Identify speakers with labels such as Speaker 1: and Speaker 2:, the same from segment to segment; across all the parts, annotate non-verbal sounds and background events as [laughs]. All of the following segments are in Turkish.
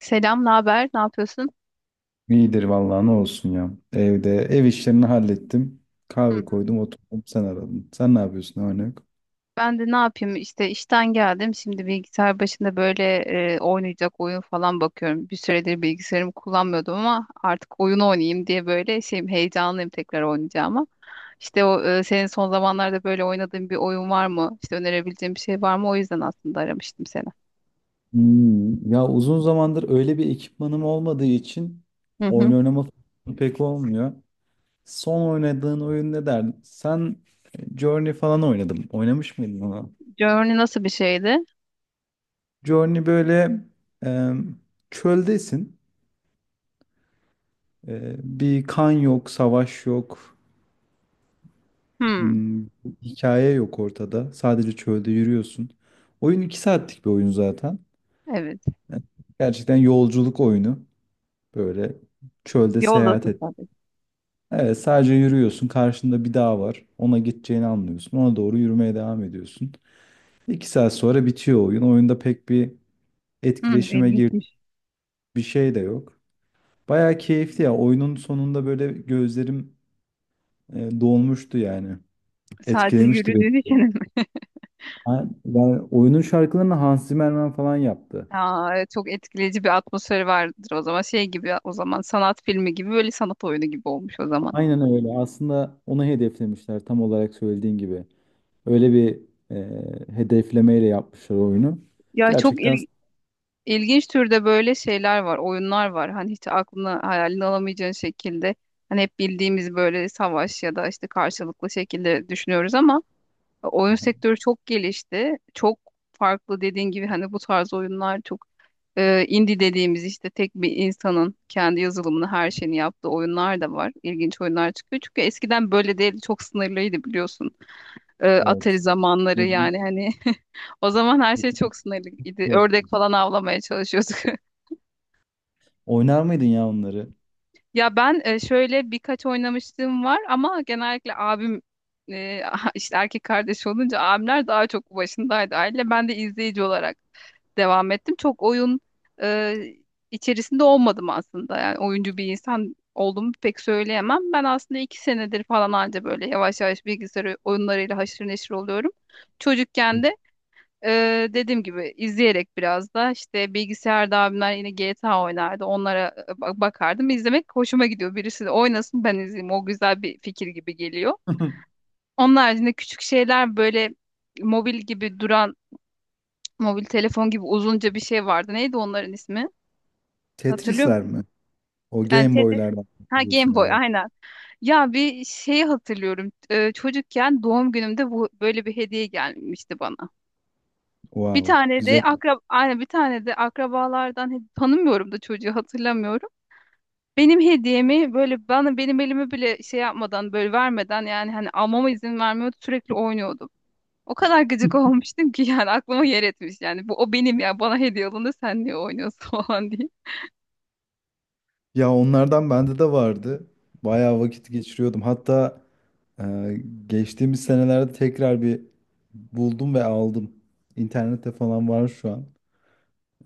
Speaker 1: Selam, ne haber? Ne yapıyorsun?
Speaker 2: İyidir vallahi ne olsun ya. Evde ev işlerini hallettim.
Speaker 1: Hı
Speaker 2: Kahve
Speaker 1: hı.
Speaker 2: koydum oturdum sen aradın. Sen ne yapıyorsun ne var ne yok?
Speaker 1: Ben de ne yapayım? İşte işten geldim. Şimdi bilgisayar başında böyle oynayacak oyun falan bakıyorum. Bir süredir bilgisayarımı kullanmıyordum ama artık oyun oynayayım diye böyle şeyim heyecanlıyım tekrar oynayacağıma. İşte o senin son zamanlarda böyle oynadığın bir oyun var mı? İşte önerebileceğim bir şey var mı? O yüzden aslında aramıştım seni.
Speaker 2: Ya uzun zamandır öyle bir ekipmanım olmadığı için
Speaker 1: Hı
Speaker 2: oyun
Speaker 1: hı.
Speaker 2: oynama fırsatım pek olmuyor. Son oynadığın oyun ne derdin? Sen Journey falan oynadım. Oynamış mıydın ona?
Speaker 1: Journey nasıl bir şeydi?
Speaker 2: Journey böyle e, çöldesin. Bir kan yok, savaş yok.
Speaker 1: Hmm,
Speaker 2: Hmm, Hikaye yok ortada. Sadece çölde yürüyorsun. Oyun 2 saatlik bir oyun zaten.
Speaker 1: evet.
Speaker 2: Yani gerçekten yolculuk oyunu. Böyle çölde seyahat
Speaker 1: Yoldasın
Speaker 2: et.
Speaker 1: sadece.
Speaker 2: Evet, sadece yürüyorsun. Karşında bir dağ var. Ona gideceğini anlıyorsun. Ona doğru yürümeye devam ediyorsun. 2 saat sonra bitiyor oyun. Oyunda pek bir
Speaker 1: Hmm,
Speaker 2: etkileşime gir
Speaker 1: ilginçmiş.
Speaker 2: bir şey de yok. Bayağı keyifli ya. Oyunun sonunda böyle gözlerim dolmuştu yani.
Speaker 1: Sadece
Speaker 2: Etkilemişti beni.
Speaker 1: yürüdüğün için [laughs]
Speaker 2: Ben oyunun şarkılarını Hans Zimmerman falan yaptı.
Speaker 1: Aa, evet, çok etkileyici bir atmosferi vardır o zaman. Şey gibi o zaman sanat filmi gibi böyle sanat oyunu gibi olmuş o zaman.
Speaker 2: Aynen öyle. Aslında onu hedeflemişler tam olarak söylediğin gibi. Öyle bir hedeflemeyle yapmışlar oyunu.
Speaker 1: Ya çok
Speaker 2: Gerçekten
Speaker 1: ilginç türde böyle şeyler var, oyunlar var. Hani hiç aklına hayalini alamayacağın şekilde. Hani hep bildiğimiz böyle savaş ya da işte karşılıklı şekilde düşünüyoruz ama oyun sektörü çok gelişti. Çok farklı dediğin gibi hani bu tarz oyunlar çok. İndie dediğimiz işte tek bir insanın kendi yazılımını her şeyini yaptığı oyunlar da var. İlginç oyunlar çıkıyor. Çünkü eskiden böyle değil çok sınırlıydı biliyorsun. Atari
Speaker 2: evet.
Speaker 1: zamanları
Speaker 2: Özün-
Speaker 1: yani hani [laughs] o zaman her şey çok sınırlıydı. Ördek falan avlamaya çalışıyorduk. [laughs]
Speaker 2: Oynar mıydın ya onları?
Speaker 1: Ya ben şöyle birkaç oynamışlığım var ama genellikle abim e, [laughs] işte erkek kardeş olunca abimler daha çok başındaydı aile. Ben de izleyici olarak devam ettim. Çok oyun e, içerisinde olmadım aslında. Yani oyuncu bir insan olduğumu pek söyleyemem. Ben aslında iki senedir falan anca böyle yavaş yavaş bilgisayar oyunlarıyla haşır neşir oluyorum. Çocukken de dediğim gibi izleyerek biraz da işte bilgisayarda abimler yine GTA oynardı. Onlara bakardım. İzlemek hoşuma gidiyor. Birisi de oynasın ben izleyeyim. O güzel bir fikir gibi geliyor.
Speaker 2: [laughs]
Speaker 1: Onun haricinde küçük şeyler böyle mobil gibi duran mobil telefon gibi uzunca bir şey vardı. Neydi onların ismi? Hatırlıyorum.
Speaker 2: Tetris'ler mi? O
Speaker 1: Yani
Speaker 2: Game
Speaker 1: Tetris.
Speaker 2: Boy'lardan
Speaker 1: Ha Game
Speaker 2: biliyorsun
Speaker 1: Boy
Speaker 2: galiba.
Speaker 1: aynen. Ya bir şeyi hatırlıyorum. Çocukken doğum günümde bu böyle bir hediye gelmişti bana. Bir
Speaker 2: Wow,
Speaker 1: tane de
Speaker 2: güzel.
Speaker 1: aynen bir tane de akrabalardan tanımıyorum da çocuğu hatırlamıyorum. Benim hediyemi böyle bana benim elimi bile şey yapmadan böyle vermeden yani hani almama izin vermiyordu sürekli oynuyordum. O kadar gıcık [laughs] olmuştum ki yani aklıma yer etmiş yani bu o benim ya bana hediye alındı sen niye oynuyorsun [laughs] falan diye.
Speaker 2: Ya onlardan bende de vardı. Bayağı vakit geçiriyordum. Hatta e, geçtiğimiz senelerde tekrar bir buldum ve aldım. İnternette falan var şu an.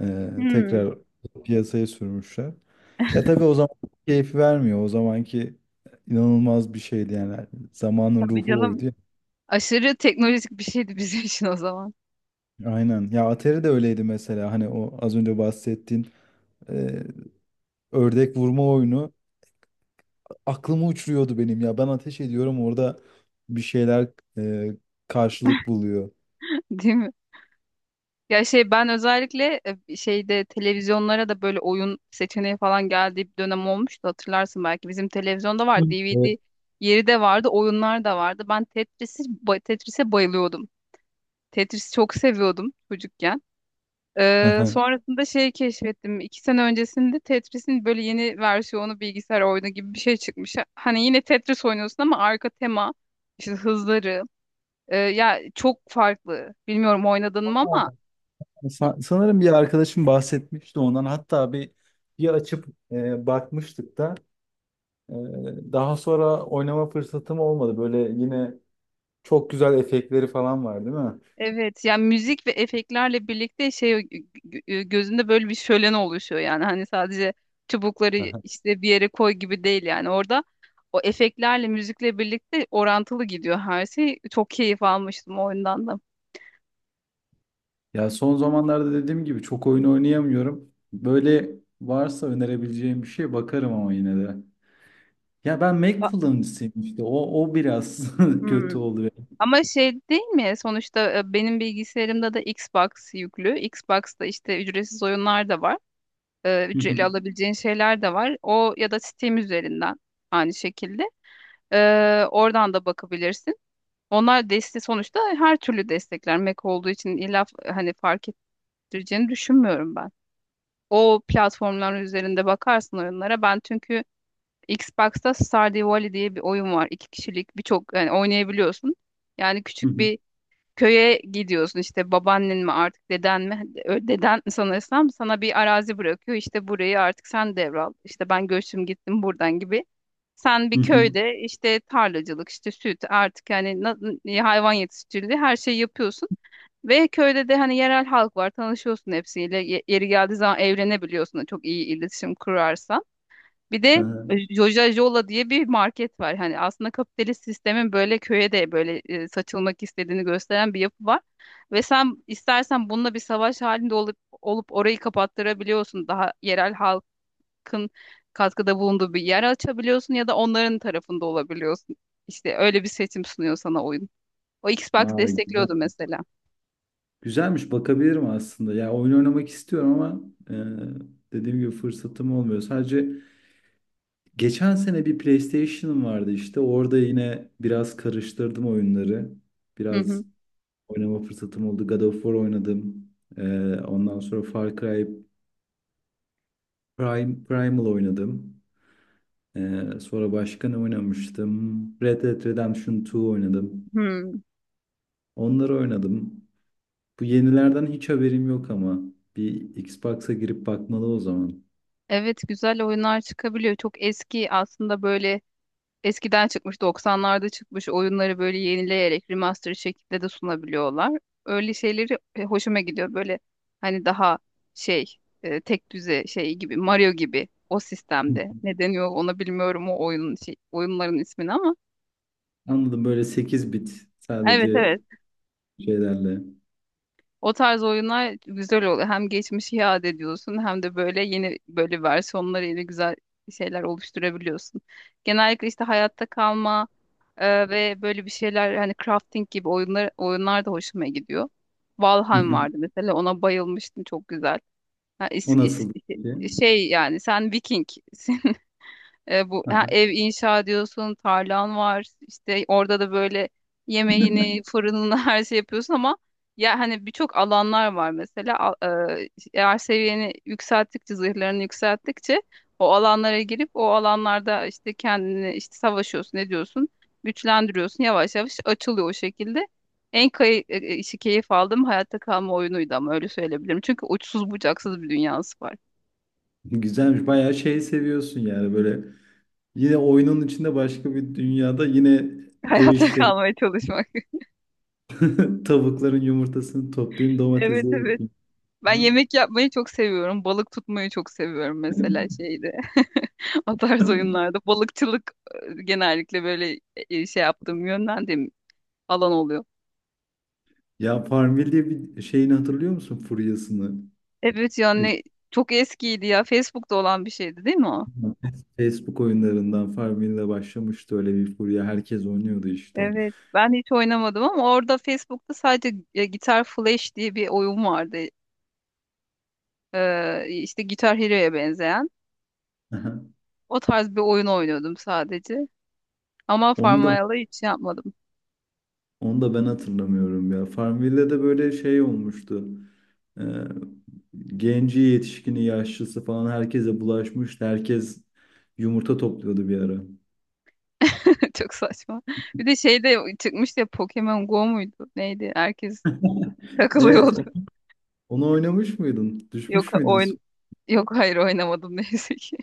Speaker 1: Hmm,
Speaker 2: Tekrar piyasaya sürmüşler. Ya tabii o zaman keyif vermiyor. O zamanki inanılmaz bir şeydi yani. Zamanın
Speaker 1: tabii
Speaker 2: ruhu
Speaker 1: canım.
Speaker 2: oydu ya.
Speaker 1: Aşırı teknolojik bir şeydi bizim için o zaman.
Speaker 2: Aynen. Ya Atari de öyleydi mesela. Hani o az önce bahsettiğin e, ördek vurma oyunu aklımı uçuruyordu benim ya. Ben ateş ediyorum orada bir şeyler e, karşılık buluyor.
Speaker 1: [laughs] Değil mi? Ya şey ben özellikle şeyde televizyonlara da böyle oyun seçeneği falan geldiği bir dönem olmuştu hatırlarsın belki. Bizim televizyonda
Speaker 2: Hı.
Speaker 1: var, DVD
Speaker 2: Evet.
Speaker 1: yeri de vardı, oyunlar da vardı. Ben Tetris'e bayılıyordum. Tetris'i çok seviyordum çocukken.
Speaker 2: Aha.
Speaker 1: Sonrasında şey keşfettim. İki sene öncesinde Tetris'in böyle yeni versiyonu bilgisayar oyunu gibi bir şey çıkmış. Hani yine Tetris oynuyorsun ama arka tema, işte hızları. Ya çok farklı. Bilmiyorum oynadın mı ama.
Speaker 2: Sanırım bir arkadaşım bahsetmişti ondan. Hatta bir açıp bakmıştık da. Ee, Daha sonra oynama fırsatım olmadı. Böyle yine çok güzel efektleri falan var, değil mi?
Speaker 1: Evet yani müzik ve efektlerle birlikte şey gözünde böyle bir şölen oluşuyor yani hani sadece çubukları
Speaker 2: Aha.
Speaker 1: işte bir yere koy gibi değil yani orada o efektlerle müzikle birlikte orantılı gidiyor her şey. Çok keyif almıştım o oyundan da.
Speaker 2: Ya son zamanlarda dediğim gibi çok oyun oynayamıyorum. Böyle varsa önerebileceğim bir şey bakarım ama yine de. Ya ben Mac
Speaker 1: Ba-
Speaker 2: kullanıcısıyım işte. O biraz [laughs]
Speaker 1: Hmm.
Speaker 2: kötü oluyor.
Speaker 1: Ama şey değil mi? Sonuçta benim bilgisayarımda da Xbox yüklü. Xbox'ta işte ücretsiz oyunlar da var. Ücretli
Speaker 2: [laughs]
Speaker 1: alabileceğin şeyler de var. O ya da Steam üzerinden aynı şekilde. Oradan da bakabilirsin. Onlar desteği sonuçta her türlü destekler. Mac olduğu için illa hani fark ettireceğini düşünmüyorum ben. O platformların üzerinde bakarsın oyunlara. Ben çünkü Xbox'ta Stardew Valley diye bir oyun var. İki kişilik birçok yani oynayabiliyorsun. Yani küçük bir köye gidiyorsun işte babaannen mi artık deden mi hani, deden sanırsam sana bir arazi bırakıyor işte burayı artık sen devral işte ben göçtüm gittim buradan gibi sen bir köyde işte tarlacılık, işte süt artık yani hayvan yetiştiriciliği her şeyi yapıyorsun. Ve köyde de hani yerel halk var tanışıyorsun hepsiyle. Yeri geldiği zaman evlenebiliyorsun da çok iyi iletişim kurarsan. Bir de
Speaker 2: Aha.
Speaker 1: Joja Jola diye bir market var. Hani aslında kapitalist sistemin böyle köye de böyle saçılmak istediğini gösteren bir yapı var. Ve sen istersen bununla bir savaş halinde olup orayı kapattırabiliyorsun. Daha yerel halk hakkın katkıda bulunduğu bir yer açabiliyorsun ya da onların tarafında olabiliyorsun. İşte öyle bir seçim sunuyor sana oyun. O Xbox
Speaker 2: Vay güzel.
Speaker 1: destekliyordu mesela.
Speaker 2: Güzelmiş bakabilirim aslında. Ya oyun oynamak istiyorum ama e, dediğim gibi fırsatım olmuyor. Sadece geçen sene bir PlayStation'ım vardı işte. Orada yine biraz karıştırdım oyunları.
Speaker 1: Hı
Speaker 2: Biraz
Speaker 1: hı.
Speaker 2: oynama fırsatım oldu. God of War oynadım. Ondan sonra Far Cry Prime, Primal oynadım. Sonra başka ne oynamıştım? Red Dead Redemption 2 oynadım.
Speaker 1: Hı.
Speaker 2: Onları oynadım. Bu yenilerden hiç haberim yok ama. Bir Xbox'a girip bakmalı o zaman.
Speaker 1: Evet güzel oyunlar çıkabiliyor. Çok eski aslında böyle eskiden çıkmış 90'larda çıkmış oyunları böyle yenileyerek remaster şekilde de sunabiliyorlar. Öyle şeyleri hoşuma gidiyor. Böyle hani daha şey tek düze şey gibi Mario gibi o
Speaker 2: Hı.
Speaker 1: sistemde. Ne deniyor ona bilmiyorum o oyunun şey, oyunların ismini ama.
Speaker 2: Anladım böyle 8 bit
Speaker 1: Evet
Speaker 2: sadece
Speaker 1: evet.
Speaker 2: şeylerle.
Speaker 1: O tarz oyunlar güzel oluyor. Hem geçmişi iade ediyorsun hem de böyle yeni böyle versiyonlarıyla güzel şeyler oluşturabiliyorsun. Genellikle işte hayatta kalma ve böyle bir şeyler hani crafting gibi oyunlar da hoşuma gidiyor.
Speaker 2: Hı
Speaker 1: Valheim
Speaker 2: hı.
Speaker 1: vardı mesela ona bayılmıştım çok güzel. Ha,
Speaker 2: O nasıl?
Speaker 1: şey yani sen Viking [laughs] bu ha, ev inşa ediyorsun, tarlan var. İşte orada da böyle yemeğini, fırınını [laughs] her şey yapıyorsun ama ya hani birçok alanlar var mesela. Eğer seviyeni yükselttikçe, zırhlarını yükselttikçe o alanlara girip o alanlarda işte kendini işte savaşıyorsun, ne diyorsun? Güçlendiriyorsun. Yavaş yavaş açılıyor o şekilde. En kay e, e, işi keyif aldığım hayatta kalma oyunuydu ama öyle söyleyebilirim. Çünkü uçsuz bucaksız bir dünyası var.
Speaker 2: Güzelmiş. Bayağı şey seviyorsun yani böyle. Yine oyunun içinde başka bir dünyada yine
Speaker 1: [laughs]
Speaker 2: ev
Speaker 1: Hayatta
Speaker 2: işleri.
Speaker 1: kalmaya çalışmak. [laughs]
Speaker 2: [laughs] Tavukların yumurtasını toplayayım,
Speaker 1: Evet
Speaker 2: domatesi [laughs]
Speaker 1: evet.
Speaker 2: ekeyim.
Speaker 1: Ben yemek yapmayı çok seviyorum. Balık tutmayı çok seviyorum mesela şeyde. [laughs] O tarz oyunlarda. Balıkçılık genellikle böyle şey yaptığım, yönlendiğim alan oluyor.
Speaker 2: Ya Farmville diye bir şeyini hatırlıyor musun? Furyasını.
Speaker 1: Evet
Speaker 2: [laughs] İlk
Speaker 1: yani çok eskiydi ya. Facebook'ta olan bir şeydi değil mi o?
Speaker 2: Facebook oyunlarından Farmville'le başlamıştı öyle bir furya. Herkes oynuyordu işte.
Speaker 1: Evet. Ben hiç oynamadım ama orada Facebook'ta sadece Guitar Flash diye bir oyun vardı. İşte Guitar Hero'ya benzeyen.
Speaker 2: [laughs]
Speaker 1: O tarz bir oyun oynuyordum sadece. Ama
Speaker 2: Onu da
Speaker 1: Farmville'ı hiç yapmadım.
Speaker 2: onu da ben hatırlamıyorum ya. Farmville'de de böyle şey olmuştu. Ee, Genci, yetişkini, yaşlısı falan herkese bulaşmıştı. Herkes yumurta topluyordu bir ara.
Speaker 1: [laughs] Çok saçma. Bir de şey de çıkmıştı ya Pokemon Go muydu? Neydi? Herkes
Speaker 2: Evet,
Speaker 1: takılıyordu. [laughs]
Speaker 2: onu oynamış mıydın?
Speaker 1: Yok
Speaker 2: Düşmüş müydün?
Speaker 1: oyn Yok hayır oynamadım [laughs] neyse ki.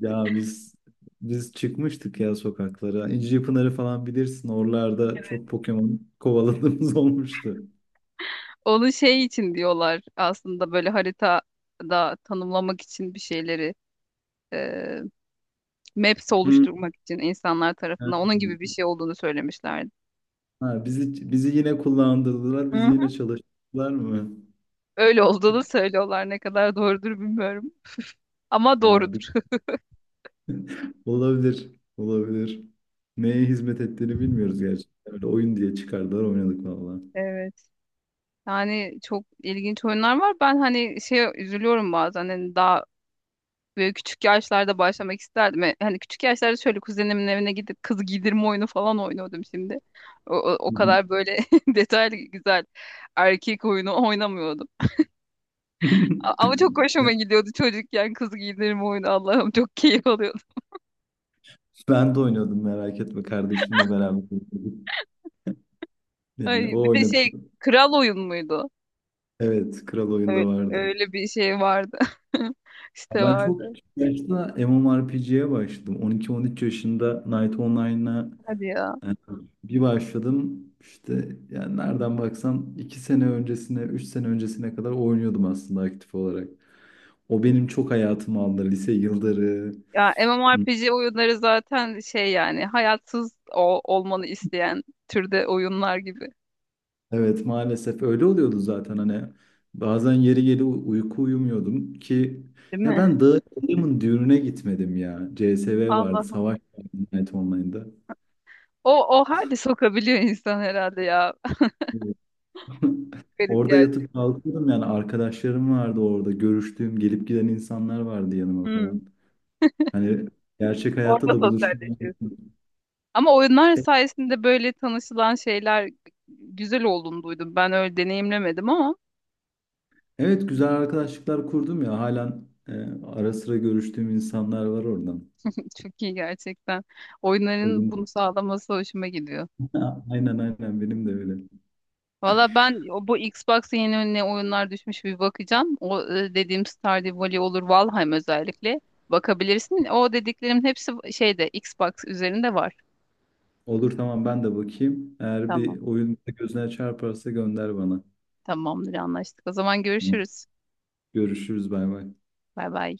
Speaker 2: Ya biz çıkmıştık ya sokaklara. İncipınarı falan bilirsin. Oralarda çok Pokemon kovaladığımız [laughs] olmuştu.
Speaker 1: Onu şey için diyorlar aslında böyle haritada tanımlamak için bir şeyleri e, maps
Speaker 2: Hı.
Speaker 1: oluşturmak için insanlar tarafından onun gibi bir şey olduğunu söylemişlerdi.
Speaker 2: Ha, bizi yine kullandırdılar.
Speaker 1: Hı
Speaker 2: Bizi yine
Speaker 1: hı.
Speaker 2: çalıştırdılar mı?
Speaker 1: Öyle olduğunu söylüyorlar ne kadar doğrudur bilmiyorum. Ama
Speaker 2: Ya
Speaker 1: doğrudur. [laughs]
Speaker 2: [laughs] olabilir. Olabilir. Neye hizmet ettiğini bilmiyoruz gerçekten. Öyle oyun diye çıkardılar oynadık valla.
Speaker 1: Evet. Yani çok ilginç oyunlar var. Ben hani şey üzülüyorum bazen hani daha böyle küçük yaşlarda başlamak isterdim. E, hani küçük yaşlarda şöyle kuzenimin evine gidip kız giydirme oyunu falan oynuyordum şimdi. O kadar böyle [laughs] detaylı güzel erkek oyunu oynamıyordum. Ama çok
Speaker 2: [laughs] Ya,
Speaker 1: hoşuma gidiyordu çocukken kız giydirme oyunu Allah'ım çok [laughs] keyif alıyordum.
Speaker 2: ben de oynuyordum merak etme, kardeşimle beraber oynuyorduk. Yani
Speaker 1: Ay,
Speaker 2: o
Speaker 1: bir de
Speaker 2: oynadı.
Speaker 1: şey kral oyun muydu?
Speaker 2: Evet, Kral
Speaker 1: Öyle,
Speaker 2: Oyun'da vardı.
Speaker 1: öyle bir şey vardı. [laughs]
Speaker 2: Ya
Speaker 1: İşte
Speaker 2: ben çok
Speaker 1: vardı.
Speaker 2: küçük yaşta MMORPG'ye başladım. 12-13 yaşında Knight Online'a
Speaker 1: Hadi ya.
Speaker 2: yani bir başladım. İşte yani nereden baksan 2 sene öncesine, 3 sene öncesine kadar oynuyordum aslında aktif olarak. O benim çok hayatımı aldı. Lise yılları.
Speaker 1: Ya MMORPG oyunları zaten şey yani hayatsız olmanı isteyen türde oyunlar gibi.
Speaker 2: Evet, maalesef öyle oluyordu zaten hani. Bazen yeri geli uyku uyumuyordum ki
Speaker 1: Değil
Speaker 2: ya
Speaker 1: mi?
Speaker 2: ben Dağın düğününe gitmedim ya. CSV vardı.
Speaker 1: Allah'ım.
Speaker 2: Savaş vardı Night Online'da.
Speaker 1: O hali sokabiliyor insan herhalde ya.
Speaker 2: [laughs]
Speaker 1: [laughs] Garip
Speaker 2: Orada
Speaker 1: gerçek.
Speaker 2: yatıp kalkıyordum yani arkadaşlarım vardı orada. Görüştüğüm, gelip giden insanlar vardı yanıma
Speaker 1: Hmm.
Speaker 2: falan. Hani gerçek hayatta
Speaker 1: Orada
Speaker 2: da buluşmuyor.
Speaker 1: sosyalleşiyorsun. Ama oyunlar
Speaker 2: E-
Speaker 1: sayesinde böyle tanışılan şeyler güzel olduğunu duydum. Ben öyle deneyimlemedim ama
Speaker 2: Evet, güzel arkadaşlıklar kurdum ya. Halen ara sıra görüştüğüm insanlar var oradan.
Speaker 1: [laughs] çok iyi gerçekten. Oyunların bunu sağlaması hoşuma gidiyor.
Speaker 2: [laughs] Ha, aynen aynen benim de öyle.
Speaker 1: Valla ben bu Xbox'a yeni önüne oyunlar düşmüş bir bakacağım. O dediğim Stardew Valley olur, Valheim özellikle. Bakabilirsin. O dediklerimin hepsi şeyde Xbox üzerinde var.
Speaker 2: Olur, tamam, ben de bakayım. Eğer
Speaker 1: Tamam.
Speaker 2: bir oyun gözüne çarparsa gönder bana.
Speaker 1: Tamamdır anlaştık. O zaman
Speaker 2: Tamam.
Speaker 1: görüşürüz.
Speaker 2: Görüşürüz, bay bay.
Speaker 1: Bay bay.